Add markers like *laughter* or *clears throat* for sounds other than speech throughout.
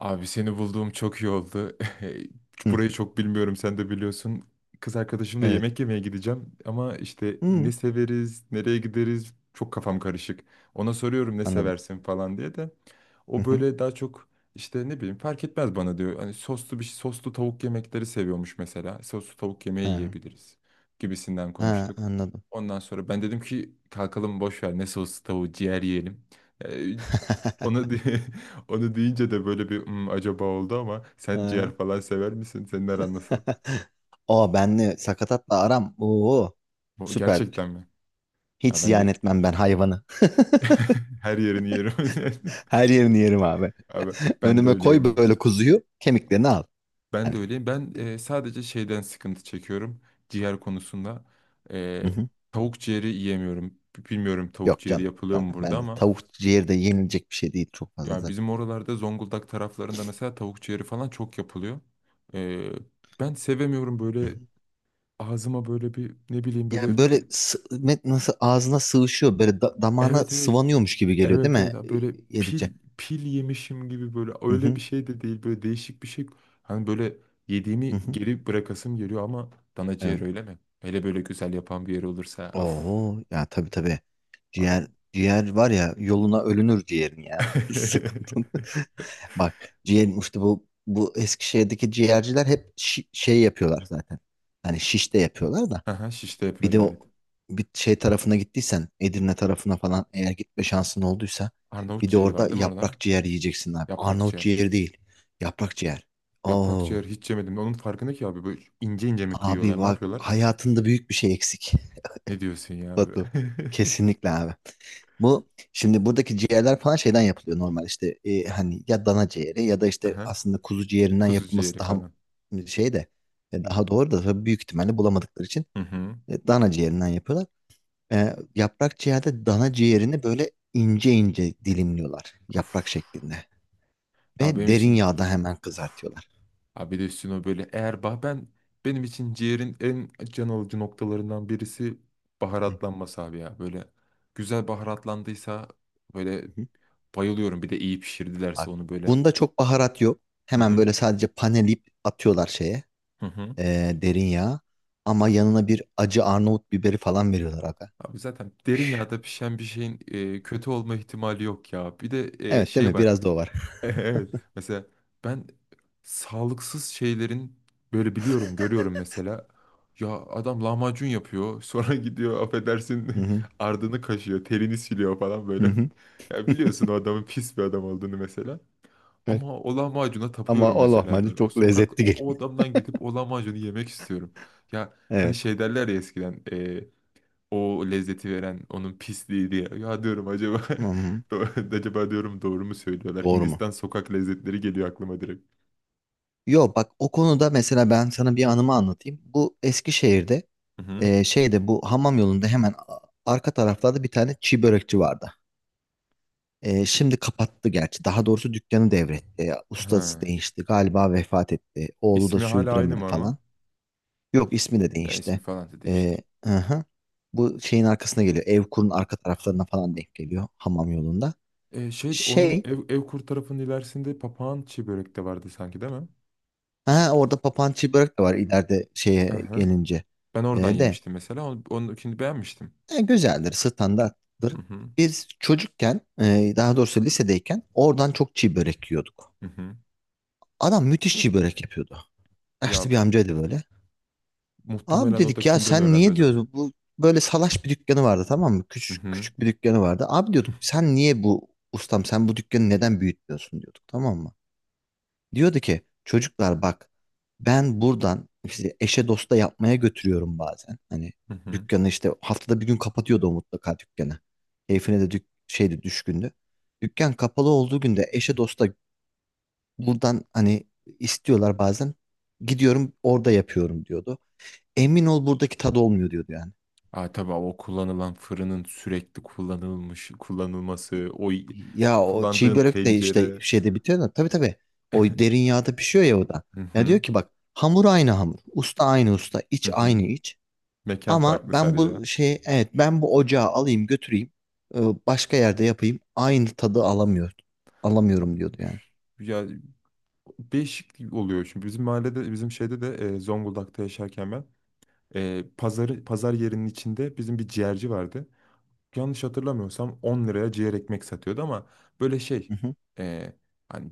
Abi seni bulduğum çok iyi oldu. *laughs* Hı, Burayı çok bilmiyorum, sen de biliyorsun. Kız arkadaşımla evet. yemek yemeye gideceğim ama işte ne Hı, severiz, nereye gideriz, çok kafam karışık. Ona soruyorum ne anladım. seversin falan diye de Hı o hı. böyle daha çok işte ne bileyim fark etmez bana diyor. Hani soslu tavuk yemekleri seviyormuş mesela. Soslu tavuk yemeği Ha, yiyebiliriz gibisinden ha, konuştuk. anladım. Ondan sonra ben dedim ki kalkalım, boş ver ne soslu tavuğu, ciğer yiyelim. Ee, onu *laughs* di- *laughs* onu deyince de böyle bir "Hmm, acaba oldu ama sen Ha. ciğer falan sever misin? Senin aran nasıl? *laughs* O benle sakatatla aram. Oo, Bu süperdir. gerçekten mi? Hiç Ya ben ziyan de etmem ben hayvanı. *laughs* *laughs* her yerini yerim. Her yerini yerim abi. *laughs* Abi *laughs* ben de Önüme koy öyleyim abi. böyle kuzuyu, kemiklerini al. Ben Hani de öyleyim. Ben sadece şeyden sıkıntı çekiyorum ciğer konusunda. E, hı hı. tavuk ciğeri yiyemiyorum. Bilmiyorum tavuk Yok ciğeri canım. yapılıyor Ben, mu burada ben de ama tavuk ciğeri de yenilecek bir şey değil çok fazla ya zaten. bizim oralarda, Zonguldak taraflarında mesela tavuk ciğeri falan çok yapılıyor. E, ben sevemiyorum Hı böyle, hı. ağzıma böyle bir, ne bileyim, Yani böyle böyle bir. Nasıl ağzına sığışıyor, böyle damağına Evet evet. sıvanıyormuş gibi geliyor değil Evet evet. mi? Ha, böyle pil Yedikçe. pil yemişim gibi, böyle Hı öyle bir hı. şey de değil. Böyle değişik bir şey. Hani böyle Hı yediğimi hı. geri bırakasım geliyor ama dana ciğer Evet. öyle mi? Hele böyle güzel yapan bir yer olursa, of Oo ya tabii tabii. abi. Ciğer ciğer var ya yoluna ölünür ciğerin ya. *laughs* *laughs* Sıkıntı. Bak ciğerin işte bu Eskişehir'deki ciğerciler hep şey yapıyorlar zaten. Hani şiş de yapıyorlar da. Aha, şişte Bir de yapıyorlar, o evet. bir şey tarafına gittiysen Edirne tarafına falan eğer gitme şansın olduysa Arnavut bir de ciğeri orada var değil mi orada? yaprak ciğer yiyeceksin abi. Yaprak Arnavut ciğer. ciğeri değil. Yaprak ciğer. Yaprak Oo ciğer hiç yemedim. Onun farkında ki abi, böyle ince ince mi abi kıyıyorlar? Ne bak yapıyorlar? hayatında büyük bir şey eksik. Ne diyorsun *laughs* ya Batu. böyle? Kesinlikle abi. Bu şimdi buradaki ciğerler falan şeyden yapılıyor normal işte hani ya dana ciğeri ya da *laughs* işte Aha, aslında kuzu ciğerinden kuzu yapılması ciğeri daha falan. Şey de daha doğru da tabii büyük ihtimalle bulamadıkları için Hı hı. Dana ciğerinden yapıyorlar. Yaprak ciğerde dana ciğerini böyle ince ince dilimliyorlar yaprak Of. şeklinde Ya ve benim derin için, yağda hemen of. kızartıyorlar. Abi de üstüne o böyle eğer bah ben, benim için ciğerin en can alıcı noktalarından birisi Hı baharatlanması abi ya. Böyle güzel baharatlandıysa böyle hı. bayılıyorum. Bir de iyi pişirdilerse Bak onu böyle. bunda çok baharat yok. Hı Hemen hı. böyle sadece panelip atıyorlar şeye Hı hı. Derin yağa ama yanına bir acı Arnavut biberi falan veriyorlar aga. Abi zaten derin yağda pişen bir şeyin kötü olma ihtimali yok ya. Bir de Evet değil şey mi? var. Biraz da o var. *laughs* Evet. Mesela ben sağlıksız şeylerin böyle biliyorum, görüyorum mesela. Ya adam lahmacun yapıyor, sonra *laughs* gidiyor, affedersin, Hı hı. *laughs* ardını kaşıyor, terini siliyor falan Hı böyle. *laughs* hı. Ya biliyorsun o adamın pis bir adam olduğunu mesela. Evet. Ama o lahmacuna Ama tapıyorum o mesela lahmacun ben. O çok sokak, lezzetli o, geliyor. o adamdan gidip o lahmacunu yemek istiyorum. Ya *laughs* hani Evet. şey derler ya eskiden o lezzeti veren onun pisliği diye. Ya diyorum acaba, *laughs* Hı hı. Acaba diyorum doğru mu söylüyorlar? Doğru mu? Hindistan sokak lezzetleri geliyor aklıma direkt. Yo bak o konuda mesela ben sana bir anımı anlatayım. Bu Eskişehir'de Hı hı. Şeyde bu hamam yolunda hemen arka taraflarda bir tane çiğ börekçi vardı. Şimdi kapattı gerçi. Daha doğrusu dükkanı devretti. Ustası Ha. değişti. Galiba vefat etti. Oğlu da İsmi hala aynı sürdüremedi mı ama? falan. Yok ismi de Ya ismi değişti. falan da değişti. E, hı hı. Bu şeyin arkasına geliyor. Evkur'un arka taraflarına falan denk geliyor hamam yolunda. Şey, onun Şey, ev, Evkur tarafının ilerisinde papağan çiğ börek de vardı sanki değil mi? ha orada papağan börek de var ileride Hı şeye hı. gelince. Ben oradan De yemiştim mesela. Onu, onunkini beğenmiştim. Güzeldir, standarttır. Hı hı. Biz çocukken, daha doğrusu lisedeyken oradan çok çiğ börek yiyorduk. Hı hı. Adam müthiş çiğ börek yapıyordu. Ya Yaşlı bir amcaydı böyle. Abi muhtemelen o da dedik ya kimden sen öğrendi niye acaba? diyordu bu böyle salaş bir dükkanı vardı tamam mı? Hı Küçük hı. küçük bir dükkanı vardı. Abi diyorduk sen niye bu ustam sen bu dükkanı neden büyütmüyorsun diyorduk tamam mı? Diyordu ki çocuklar bak ben buradan işte eşe dosta yapmaya götürüyorum bazen. Hani Hı hı. dükkanı işte haftada bir gün kapatıyordu o mutlaka dükkanı. Keyfine de şeydi düşkündü. Dükkan kapalı olduğu günde eşe dosta buradan hani istiyorlar bazen. Gidiyorum orada yapıyorum diyordu. Emin ol buradaki tadı olmuyor diyordu yani. Aa, tabii o kullanılan fırının sürekli kullanılmış kullanılması, Ya o çiğ kullandığın börek de işte tencere. şeyde bitiyor da tabii tabii o derin yağda pişiyor ya o da. Hı Ya hı, diyor ki bak hamur aynı hamur, usta aynı usta, hı iç hı. aynı iç. Mekan Ama farklı ben sadece. bu şey evet ben bu ocağı alayım götüreyim e, başka yerde yapayım aynı tadı alamıyor Abi, alamıyorum diyordu yani. ya değişik oluyor şimdi. Bizim mahallede, bizim şeyde de Zonguldak'ta yaşarken ben, pazarı, pazar yerinin içinde bizim bir ciğerci vardı. Yanlış hatırlamıyorsam 10 liraya ciğer ekmek satıyordu ama böyle şey, Hı hı. e, hani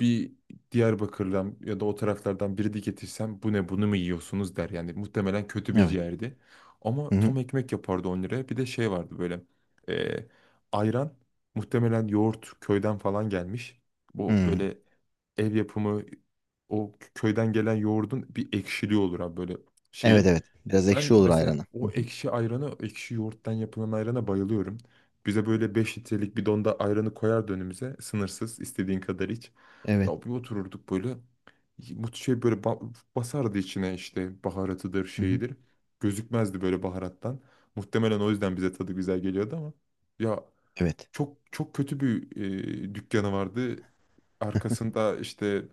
bir Diyarbakır'dan ya da o taraflardan biri de getirsem bu ne, bunu mu yiyorsunuz der. Yani muhtemelen kötü bir Evet. ciğerdi. Hı Ama tam hı. ekmek yapardı 10 liraya. Bir de şey vardı böyle e, ayran, muhtemelen yoğurt köyden falan gelmiş. Bu Hı. böyle ev yapımı, o köyden gelen yoğurdun bir ekşiliği olur abi, böyle Evet şeyi. evet biraz Ben ekşi olur mesela ayranı. Hı o hı. ekşi ayranı, o ekşi yoğurttan yapılan ayrana bayılıyorum. Bize böyle 5 litrelik bidonda ayranı koyardı önümüze. Sınırsız, istediğin kadar iç. Evet. Ya bir otururduk böyle. Bu şey böyle basardı içine işte, baharatıdır, Hı hı. şeyidir. Gözükmezdi böyle baharattan. Muhtemelen o yüzden bize tadı güzel geliyordu ama. Evet. Çok çok kötü bir dükkanı vardı. Arkasında işte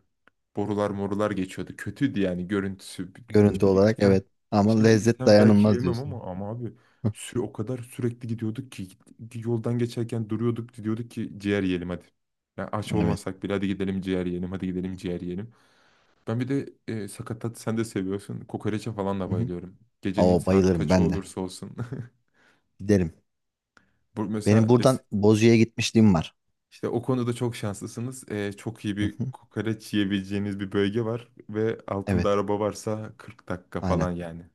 borular morular geçiyordu. Kötüydü yani görüntüsü. Görüntü Şimdi olarak gitsem evet ama şimdi lezzet gitsem belki dayanılmaz yemem diyorsun. ama, ama abi, Hı. sü o kadar sürekli gidiyorduk ki yoldan geçerken duruyorduk, diyorduk ki ciğer yiyelim hadi. Yani aç Evet. olmasak bile hadi gidelim ciğer yiyelim, hadi gidelim ciğer yiyelim. Ben bir de sakatat, sen de seviyorsun. Kokoreçe falan da Hı hı. bayılıyorum. Gecenin Oo, saat bayılırım kaçı ben de. olursa olsun. Giderim. *laughs* Bu Benim mesela. buradan Bozüyük'e gitmişliğim var. İşte o konuda çok şanslısınız. Çok iyi Hı bir hı. kokoreç yiyebileceğiniz bir bölge var ve altında Evet. araba varsa 40 dakika Aynen. falan yani.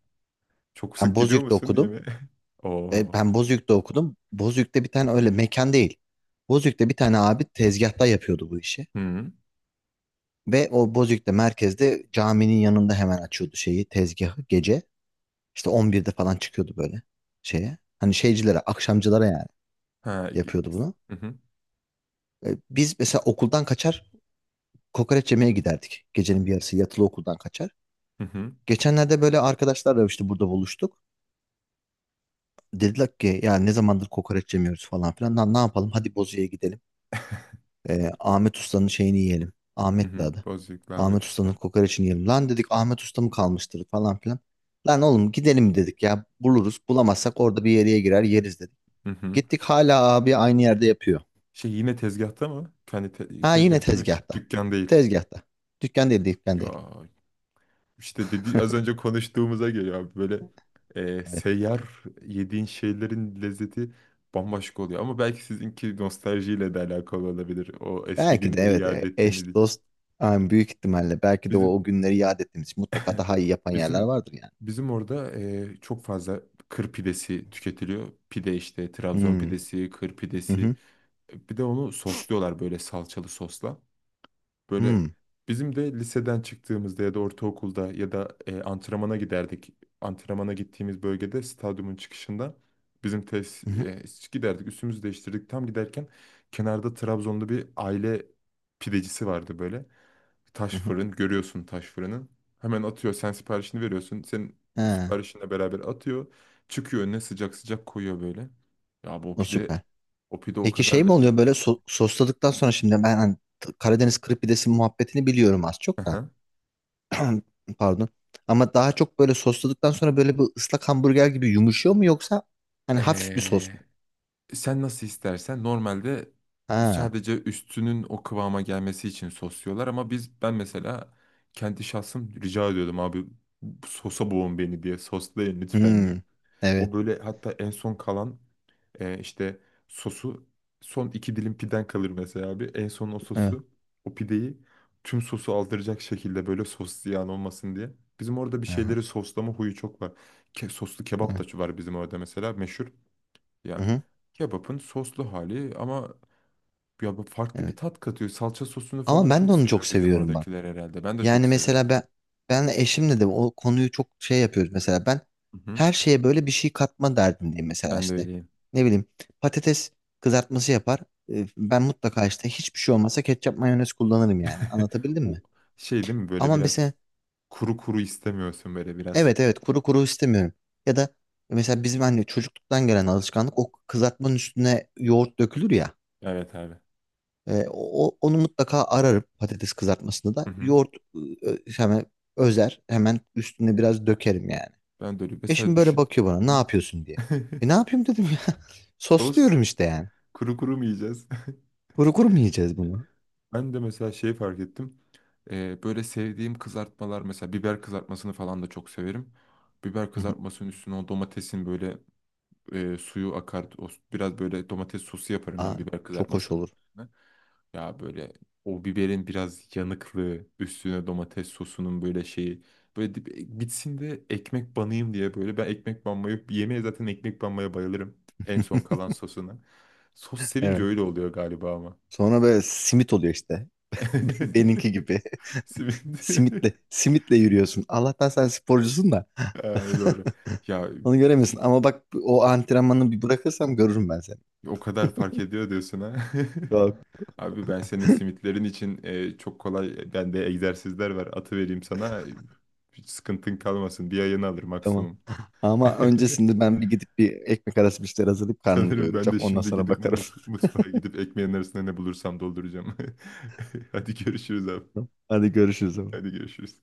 Çok Ben sık gidiyor Bozüyük'te musun diye okudum. mi? *laughs* E, Oo. ben Bozüyük'te okudum. Bozüyük'te bir tane öyle mekan değil. Bozüyük'te bir tane abi tezgahta yapıyordu bu işi. Hı. Ve o Bozüyük'te merkezde caminin yanında hemen açıyordu şeyi tezgahı gece. İşte 11'de falan çıkıyordu böyle şeye. Hani şeycilere, akşamcılara yani Ha. gi- yapıyordu bunu. Hı hı. Biz mesela okuldan kaçar kokoreç yemeye giderdik. Gecenin bir yarısı yatılı okuldan kaçar. Hı hı. Geçenlerde böyle arkadaşlarla işte burada buluştuk. Dediler ki ya ne zamandır kokoreç yemiyoruz falan filan. Lan ne yapalım hadi Bozüyük'e gidelim. Ahmet Usta'nın şeyini yiyelim. Hı Ahmet de hı. adı. Bozüyüklü Ahmet Ahmet Usta'nın Usta. kokoreçini yiyelim. Lan dedik Ahmet Usta mı kalmıştır falan filan. Lan oğlum gidelim dedik ya buluruz. Bulamazsak orada bir yere girer yeriz dedik. Hı hı. Gittik hala abi aynı yerde yapıyor. Şey, yine tezgahta mı? Kendi Ha yine tezgah değil mi? Tezgahta. Dükkan değil. Tezgahta. Dükkan değil dükkan değil. Ya İşte dedi, az önce konuştuğumuza geliyor abi, böyle Evet. seyyar yediğin şeylerin lezzeti bambaşka oluyor. Ama belki sizinki nostaljiyle de alakalı olabilir, o eski Belki de günleri evet yad ettiğiniz eş dost için. yani büyük ihtimalle belki de o, Bizim o günleri yad ettiğimiz için mutlaka daha iyi yapan yerler bizim vardır yani. bizim orada çok fazla kır pidesi tüketiliyor. Pide işte, Trabzon Hmm. pidesi, kır Hı pidesi. hı. Bir de onu sosluyorlar böyle salçalı sosla. Böyle Hmm. bizim de liseden çıktığımızda ya da ortaokulda ya da antrenmana giderdik. Antrenmana gittiğimiz bölgede stadyumun çıkışında bizim tesis, Hı hı. Giderdik. Üstümüzü değiştirdik. Tam giderken kenarda Trabzonlu bir aile pidecisi vardı böyle. Hı Taş hı. fırın görüyorsun, taş fırını. Hemen atıyor. Sen siparişini veriyorsun. Senin Ha. siparişinle beraber atıyor. Çıkıyor önüne sıcak sıcak koyuyor böyle. Ya bu O pide, süper. o pide o Peki kadar şey mi oluyor böyle lezzetli. Sosladıktan sonra şimdi ben hani Karadeniz kırık pidesi muhabbetini biliyorum az çok da. Aha. *clears throat* Pardon. Ama daha çok böyle sosladıktan sonra böyle bir ıslak hamburger gibi yumuşuyor mu yoksa hani hafif bir sos mu? Ee, sen nasıl istersen normalde Ha. sadece üstünün o kıvama gelmesi için sosluyorlar ama biz, ben mesela kendi şahsım rica ediyordum abi, sosa boğun beni diye, soslayın lütfen diye. Hmm. Evet. O böyle, hatta en son kalan işte sosu, son iki dilim piden kalır mesela abi, en son o Evet. sosu, o pideyi tüm sosu aldıracak şekilde, böyle sos ziyan olmasın diye. Bizim orada bir Aha, şeyleri soslama huyu çok var. Soslu kebap evet. da var bizim orada mesela, meşhur. Yani Hı-hı. kebapın soslu hali ama ya bu farklı bir Evet. tat katıyor. Salça sosunu Ama falan ben çok de onu çok seviyor bizim seviyorum bak. oradakiler herhalde. Ben de çok Yani mesela seviyorum. ben eşimle de o konuyu çok şey yapıyoruz mesela ben Hı hı. her şeye böyle bir şey katma derdindeyim mesela Ben de işte öyleyim. ne bileyim patates kızartması yapar. Ben mutlaka işte hiçbir şey olmasa ketçap mayonez kullanırım yani *laughs* anlatabildim O mi? şey değil mi böyle, Ama biraz mesela kuru kuru istemiyorsun böyle biraz. evet evet kuru kuru istemiyorum ya da mesela bizim anne çocukluktan gelen alışkanlık o kızartmanın üstüne yoğurt dökülür ya. Evet abi. Onu mutlaka ararım patates kızartmasında Hı da hı. yoğurt hemen özer hemen üstüne biraz dökerim yani. Ben de öyle, mesela Eşim böyle düşün. bakıyor bana Hı ne hı. yapıyorsun diye. E *laughs* ne yapayım dedim ya. *laughs* Sos, Sosluyorum işte yani. kuru kuru mu yiyeceğiz? *laughs* Kuru kuru mu yiyeceğiz bunu? Ben de mesela şeyi fark ettim. Böyle sevdiğim kızartmalar, mesela biber kızartmasını falan da çok severim. Biber Hı hı. kızartmasının üstüne o domatesin böyle suyu akar. O, biraz böyle domates sosu yaparım ben, Aa, biber çok hoş kızartmasının olur. üstüne. Ya böyle o biberin biraz yanıklığı, üstüne domates sosunun böyle şeyi. Böyle bitsin de ekmek banayım diye böyle. Ben ekmek banmayı, yemeğe zaten ekmek banmaya bayılırım. En son kalan *laughs* sosuna. Sos sevince Evet. öyle oluyor galiba ama. Sonra böyle simit oluyor işte. *laughs* Benimki *laughs* gibi. *laughs* Simit. *laughs* Simitle, simitle yürüyorsun. Allah'tan sen sporcusun da. Ha, doğru. Ya *laughs* Onu göremiyorsun. Ama bak o antrenmanı bir bırakırsam görürüm ben seni. o kadar fark ediyor diyorsun ha. Yok. *laughs* Abi ben senin simitlerin için çok kolay bende egzersizler var. Atı vereyim sana. Hiç sıkıntın kalmasın. Bir ayını alır Tamam. maksimum. Ama öncesinde *laughs* ben bir gidip bir ekmek arası bir şeyler hazırlayıp karnımı Sanırım ben doyuracağım. de Ondan şimdi sonra gidip bakarım. Mutfağa gidip ekmeğin arasında ne bulursam dolduracağım. *laughs* Hadi görüşürüz abi. *laughs* Hadi görüşürüz. Hadi görüşürüz.